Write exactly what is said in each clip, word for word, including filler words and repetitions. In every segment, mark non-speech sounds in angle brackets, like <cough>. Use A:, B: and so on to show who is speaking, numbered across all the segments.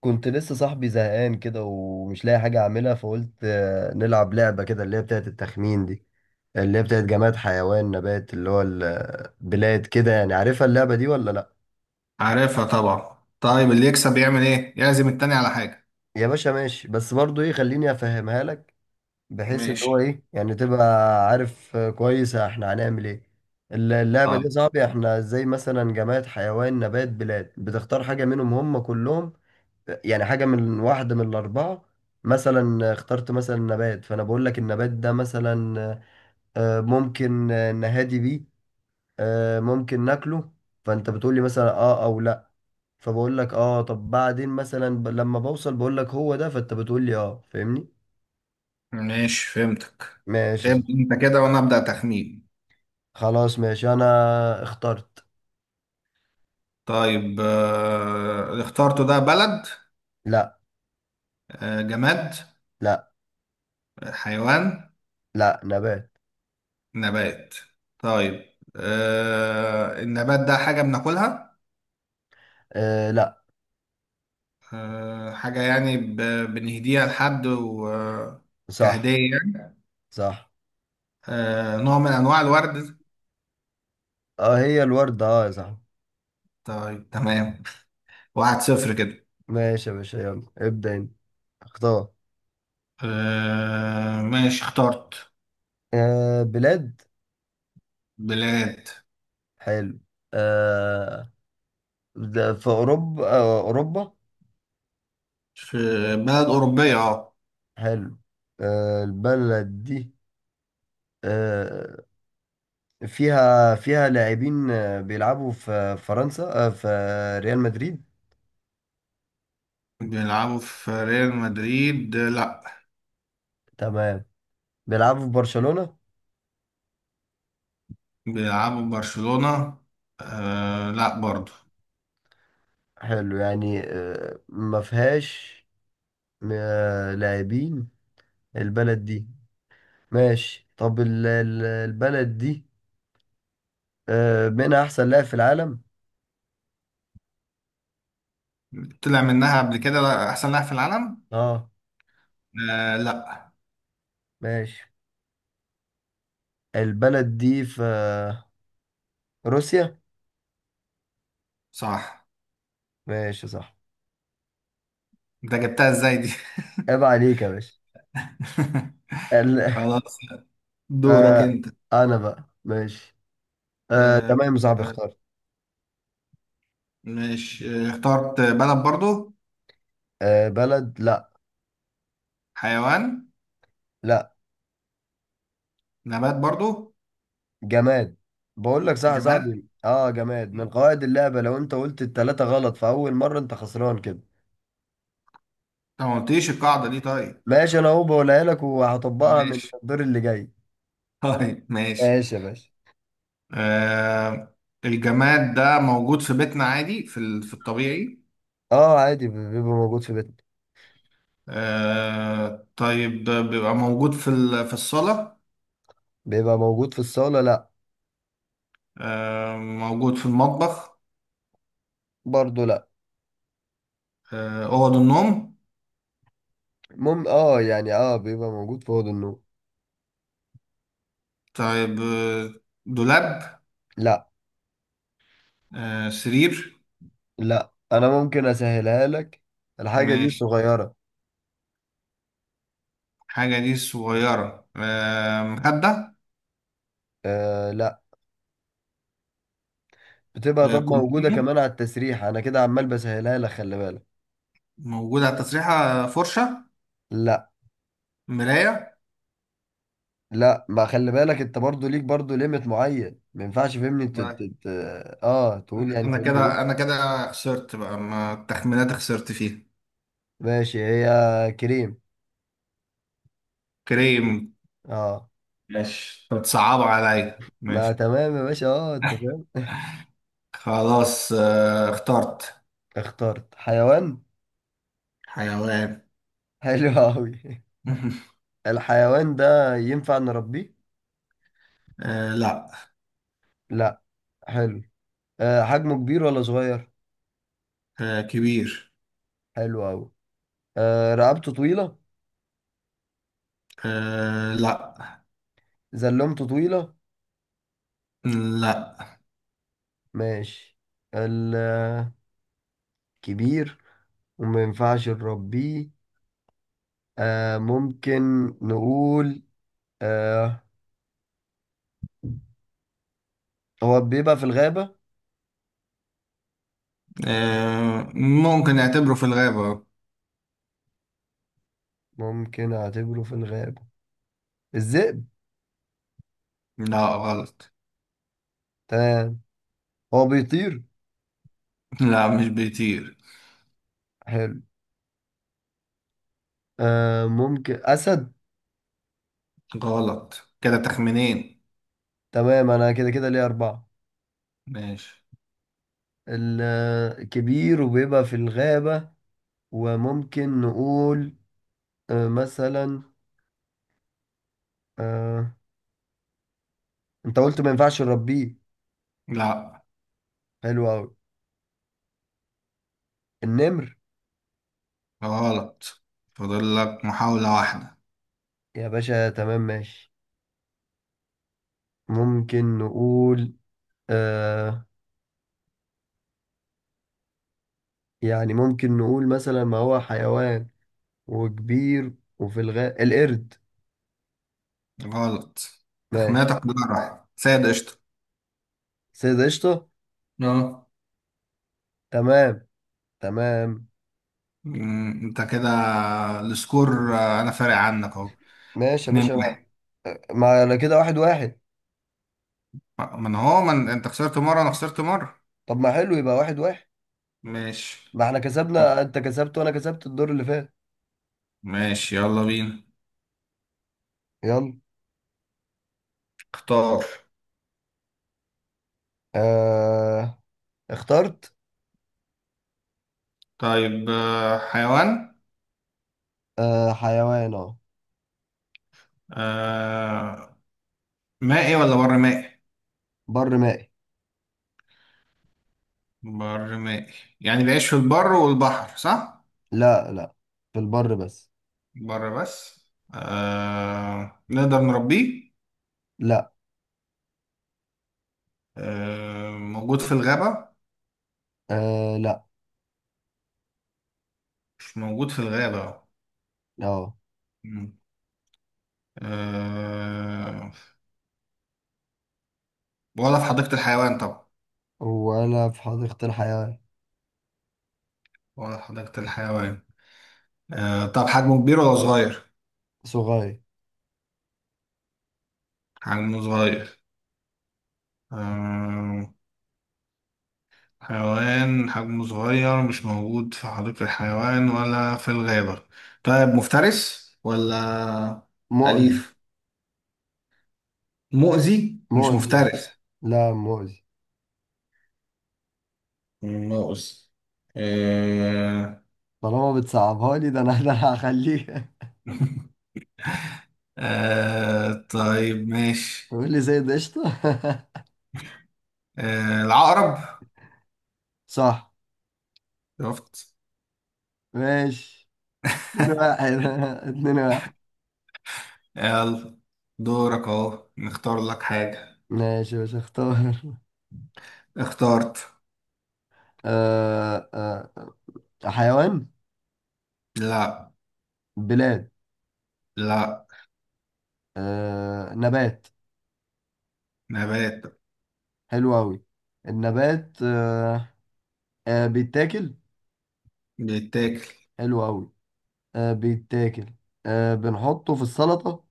A: كنت لسه صاحبي زهقان كده ومش لاقي حاجة أعملها، فقلت آه، نلعب لعبة كده اللي هي بتاعت التخمين دي، اللي هي بتاعت جماد حيوان نبات اللي هو البلاد كده. يعني عارفها اللعبة دي ولا لأ؟
B: عارفها طبعا. طيب اللي يكسب يعمل ايه؟ يعزم التاني على حاجة.
A: يا باشا ماشي، بس برضو إيه، خليني أفهمها لك، بحيث إن هو
B: ماشي.
A: إيه يعني تبقى عارف. آه، كويس، إحنا هنعمل إيه. الل- اللعبة دي
B: طيب
A: يا صاحبي، إحنا زي مثلا جماد حيوان نبات بلاد، بتختار حاجة منهم هم كلهم. يعني حاجة من واحدة من الأربعة. مثلا اخترت مثلا نبات، فأنا بقول لك النبات ده مثلا آه، ممكن آه، نهادي بيه، آه، ممكن ناكله. فأنت بتقول لي مثلا آه أو لأ، فبقول لك آه، طب بعدين مثلا ب- لما بوصل بقول لك هو ده، فأنت بتقول لي آه، فاهمني؟
B: ماشي فهمتك.
A: ماشي
B: ابدأ
A: صح.
B: انت كده وانا ابدأ تخمين.
A: خلاص ماشي، أنا اخترت.
B: طيب آه... اللي اخترته ده بلد؟
A: لأ.
B: آه... جماد؟
A: لأ.
B: حيوان؟
A: لأ، نبات.
B: نبات؟ طيب، آه... النبات ده حاجة بناكلها؟
A: آه لأ.
B: آه... حاجة يعني ب... بنهديها لحد و...
A: صح.
B: كهدية يعني.
A: صح.
B: آه... نوع من انواع الورد؟
A: آه هي الوردة آه يا صاحبي.
B: طيب تمام. واحد صفر كده.
A: ماشي يا باشا، يلا ابدأ أنت، اختار.
B: آه ماشي اخترت.
A: آه بلاد.
B: بلاد.
A: حلو. آه ده في أوروبا، آه أوروبا.
B: في بلد أوروبية، اه.
A: حلو. آه البلد دي آه فيها فيها لاعبين، آه بيلعبوا في فرنسا، آه في ريال مدريد.
B: بيلعبوا في ريال مدريد؟ آه، لا.
A: تمام. بيلعبوا في برشلونة.
B: بيلعبوا في برشلونة؟ آه لا برضو.
A: حلو يعني، آه ما فيهاش آه لاعبين البلد دي. ماشي، طب ال- ال- البلد دي آه منها أحسن لاعب في العالم.
B: طلع منها قبل كده، لا، أحسن لاعب في العالم؟
A: اه.
B: آه لا.
A: ماشي. البلد دي في روسيا.
B: صح.
A: ماشي صح.
B: انت جبتها ازاي دي؟
A: عيب عليك يا باشا.
B: <laughs>
A: ال... <laughs>
B: خلاص. دورك
A: آه...
B: انت.
A: انا بقى ماشي. آه...
B: آه.
A: تمام يا صاحبي،
B: آه،
A: اختار.
B: ماشي، آه، اخترت بلد برضو.
A: آه... بلد؟ لا.
B: حيوان.
A: لا،
B: نبات برضو.
A: جماد. بقول لك صح يا
B: جماد.
A: صاحبي، اه جماد. من قواعد اللعبة لو انت قلت التلاتة غلط في اول مرة انت خسران كده.
B: انت ما قلتليش القاعدة دي؟ طيب
A: ماشي، انا اهو بقولها لك وهطبقها من
B: ماشي.
A: الدور اللي جاي.
B: طيب ماشي.
A: ماشي يا باشا.
B: آه، الجماد ده موجود في بيتنا عادي، في ال- في الطبيعي.
A: اه عادي، بيبقى موجود في بيتنا.
B: آه طيب، ده بيبقى موجود في ال- في الصالة؟
A: بيبقى موجود في الصالة لا.
B: آه، موجود في المطبخ؟
A: برضه لا.
B: آه، أوض النوم؟
A: مم اه يعني اه بيبقى موجود في اوضه النوم.
B: طيب، آه، دولاب؟
A: لا.
B: آه، سرير؟
A: لا، انا ممكن اسهلها لك، الحاجه دي
B: ماشي.
A: صغيره.
B: حاجة دي صغيرة. آه، مخدة؟
A: آه لا. بتبقى
B: آه،
A: طب موجوده
B: كومبينة
A: كمان على التسريح، انا كده عمال بسهلها لك خلي بالك.
B: موجودة على التسريحة؟ آه، فرشة؟
A: لا.
B: مراية؟
A: لا ما خلي بالك، انت برضو ليك برضو ليميت معين، ما ينفعش فهمني انت ت- ت- اه تقول يعني
B: انا
A: فهمني
B: كده
A: ايه.
B: انا كده خسرت بقى، ما التخمينات خسرت فيها.
A: ماشي. هي كريم.
B: كريم.
A: اه.
B: ماشي، بتصعب عليا
A: ما
B: ماشي.
A: تمام يا باشا، اه انت فاهم <laughs>
B: خلاص آه، اخترت.
A: اخترت حيوان.
B: حيوان.
A: حلو قوي <laughs>
B: <laughs>
A: الحيوان ده ينفع نربيه؟
B: آه لا.
A: لا. حلو. آه حجمه كبير ولا صغير؟
B: آه كبير.
A: حلو قوي. آه رقبته طويلة.
B: آه لا.
A: زلمته طويلة.
B: لا.
A: ماشي. الكبير وما ينفعش نربيه، آه ممكن نقول، آه هو بيبقى في الغابة.
B: آه ممكن نعتبره في الغابة.
A: ممكن أعتبره في الغابة. الذئب.
B: لا، غلط.
A: تمام. هو بيطير.
B: لا مش بيطير.
A: حلو. آه ممكن أسد.
B: غلط كده تخمينين.
A: تمام. أنا كده كده ليه أربعة.
B: ماشي.
A: الكبير وبيبقى في الغابة، وممكن نقول آه مثلا آه أنت قلت ما ينفعش نربيه.
B: لا،
A: حلو أوي. النمر.
B: غلط. فاضل لك محاولة واحدة.
A: يا باشا تمام ماشي. ممكن نقول آه يعني ممكن نقول مثلا، ما هو حيوان وكبير وفي الغابة، القرد.
B: غلط.
A: ماشي.
B: تخميناتك كلها راحت سيد قشطة.
A: سيد قشطة.
B: اه.
A: تمام. تمام.
B: مم، انت كده. السكور آه، انا فارق عنك اهو.
A: ماشي يا
B: اتنين
A: باشا ما.
B: واحد
A: ما على كده واحد واحد.
B: آه، من هو من انت خسرت مرة، انا خسرت مرة.
A: طب ما حلو يبقى واحد واحد.
B: ماشي.
A: ما احنا كسبنا، انت كسبت وانا كسبت الدور اللي فات.
B: ماشي يلا بينا.
A: يلا.
B: اختار.
A: آه. اخترت.
B: طيب آه، حيوان.
A: آه حيوان اه.
B: آه، مائي ولا بر مائي؟
A: بر مائي.
B: بر مائي؟ يعني بيعيش في البر والبحر، صح؟
A: لا لا، في البر بس.
B: بر بس. آه، نقدر نربيه؟
A: لا.
B: آه، موجود في الغابة؟
A: آه لا.
B: مش موجود في الغابة.
A: اه.
B: مم. أه... ولا في حديقة الحيوان طبعا.
A: ولا في حديقة الحياة.
B: ولا في حديقة الحيوان. أه... طب حجمه كبير ولا صغير؟
A: صغير.
B: حجمه صغير. أه... حيوان حجمه صغير، مش موجود في حديقة الحيوان ولا في الغابة. طيب، مفترس ولا
A: مؤذي.
B: أليف؟ مؤذي مش
A: مؤذي أوي.
B: مفترس.
A: لا مؤذي.
B: مؤذي. أه...
A: طالما بتصعبها لي ده انا ده أنا هخليه
B: <laughs> أه... طيب
A: <laughs>
B: ماشي.
A: تقول لي زي قشطة <laughs>
B: أه... العقرب.
A: صح.
B: شفت؟
A: ماشي. اتنين واحد <laughs> اتنين واحد.
B: يلا دورك اهو، نختار لك حاجة.
A: ماشي مش هختار <laughs>
B: اخترت.
A: آه آه، حيوان.
B: لا.
A: بلاد.
B: لا.
A: آه نبات.
B: نبات.
A: حلو أوي. النبات آه، آه بيتاكل.
B: بيتاكل.
A: حلو أوي. آه بيتاكل. آه بنحطه في السلطة.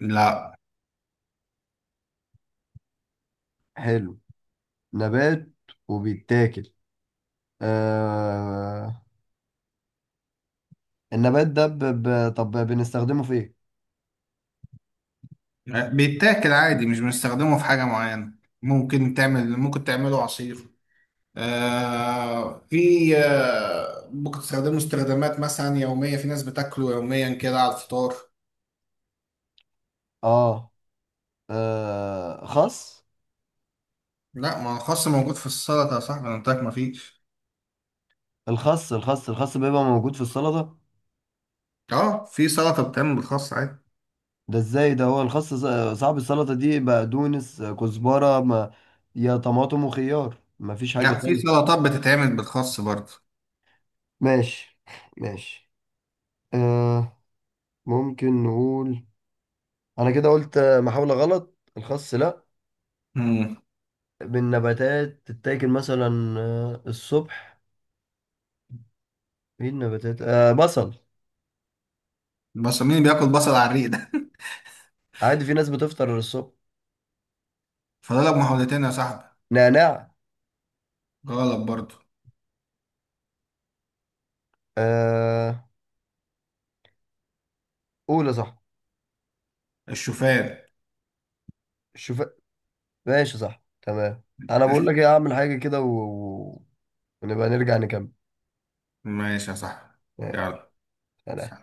B: لا.
A: حلو. نبات وبيتاكل. آه... النبات ده ب... ب... طب بنستخدمه في ايه؟
B: بيتاكل عادي، مش بنستخدمه في حاجة معينة. ممكن تعمل ممكن تعمله عصير. آه في، آه ممكن تستخدمه استخدامات مثلا يومية، في ناس بتاكله يوميا كده على الفطار.
A: اه. آه... خس.
B: لا، ما هو الخس موجود في السلطة يا صاحبي، انا قلت لك ما فيش.
A: الخس الخس الخس بيبقى موجود في السلطة.
B: اه، في سلطة بتتعمل بالخس عادي.
A: ده ازاي، ده هو الخس ص- صعب. السلطة دي بقدونس آه، كزبرة ما... يا طماطم وخيار، مفيش حاجة
B: لا، في
A: تانية.
B: سلطات بتتعمل بالخس برضه.
A: ماشي. ماشي. آه... ممكن نقول، انا كده قلت آه، محاولة غلط. الخس لا. بالنباتات تتاكل مثلا آه، الصبح. ايه النباتات، آه بصل.
B: بس مين بياكل بصل على الريق ده؟ <laughs>
A: عادي في ناس بتفطر الصبح.
B: فاضلك محاولتين يا صاحبي.
A: نعناع.
B: غلط برضو.
A: آه قول يا صاحبي.
B: الشوفان.
A: شوف. ماشي صح تمام. انا بقول لك
B: <laughs>
A: ايه، اعمل حاجه كده و... و- ونبقى نرجع نكمل.
B: ماشي يا صاحبي.
A: ماشي،
B: يلا.
A: سلام.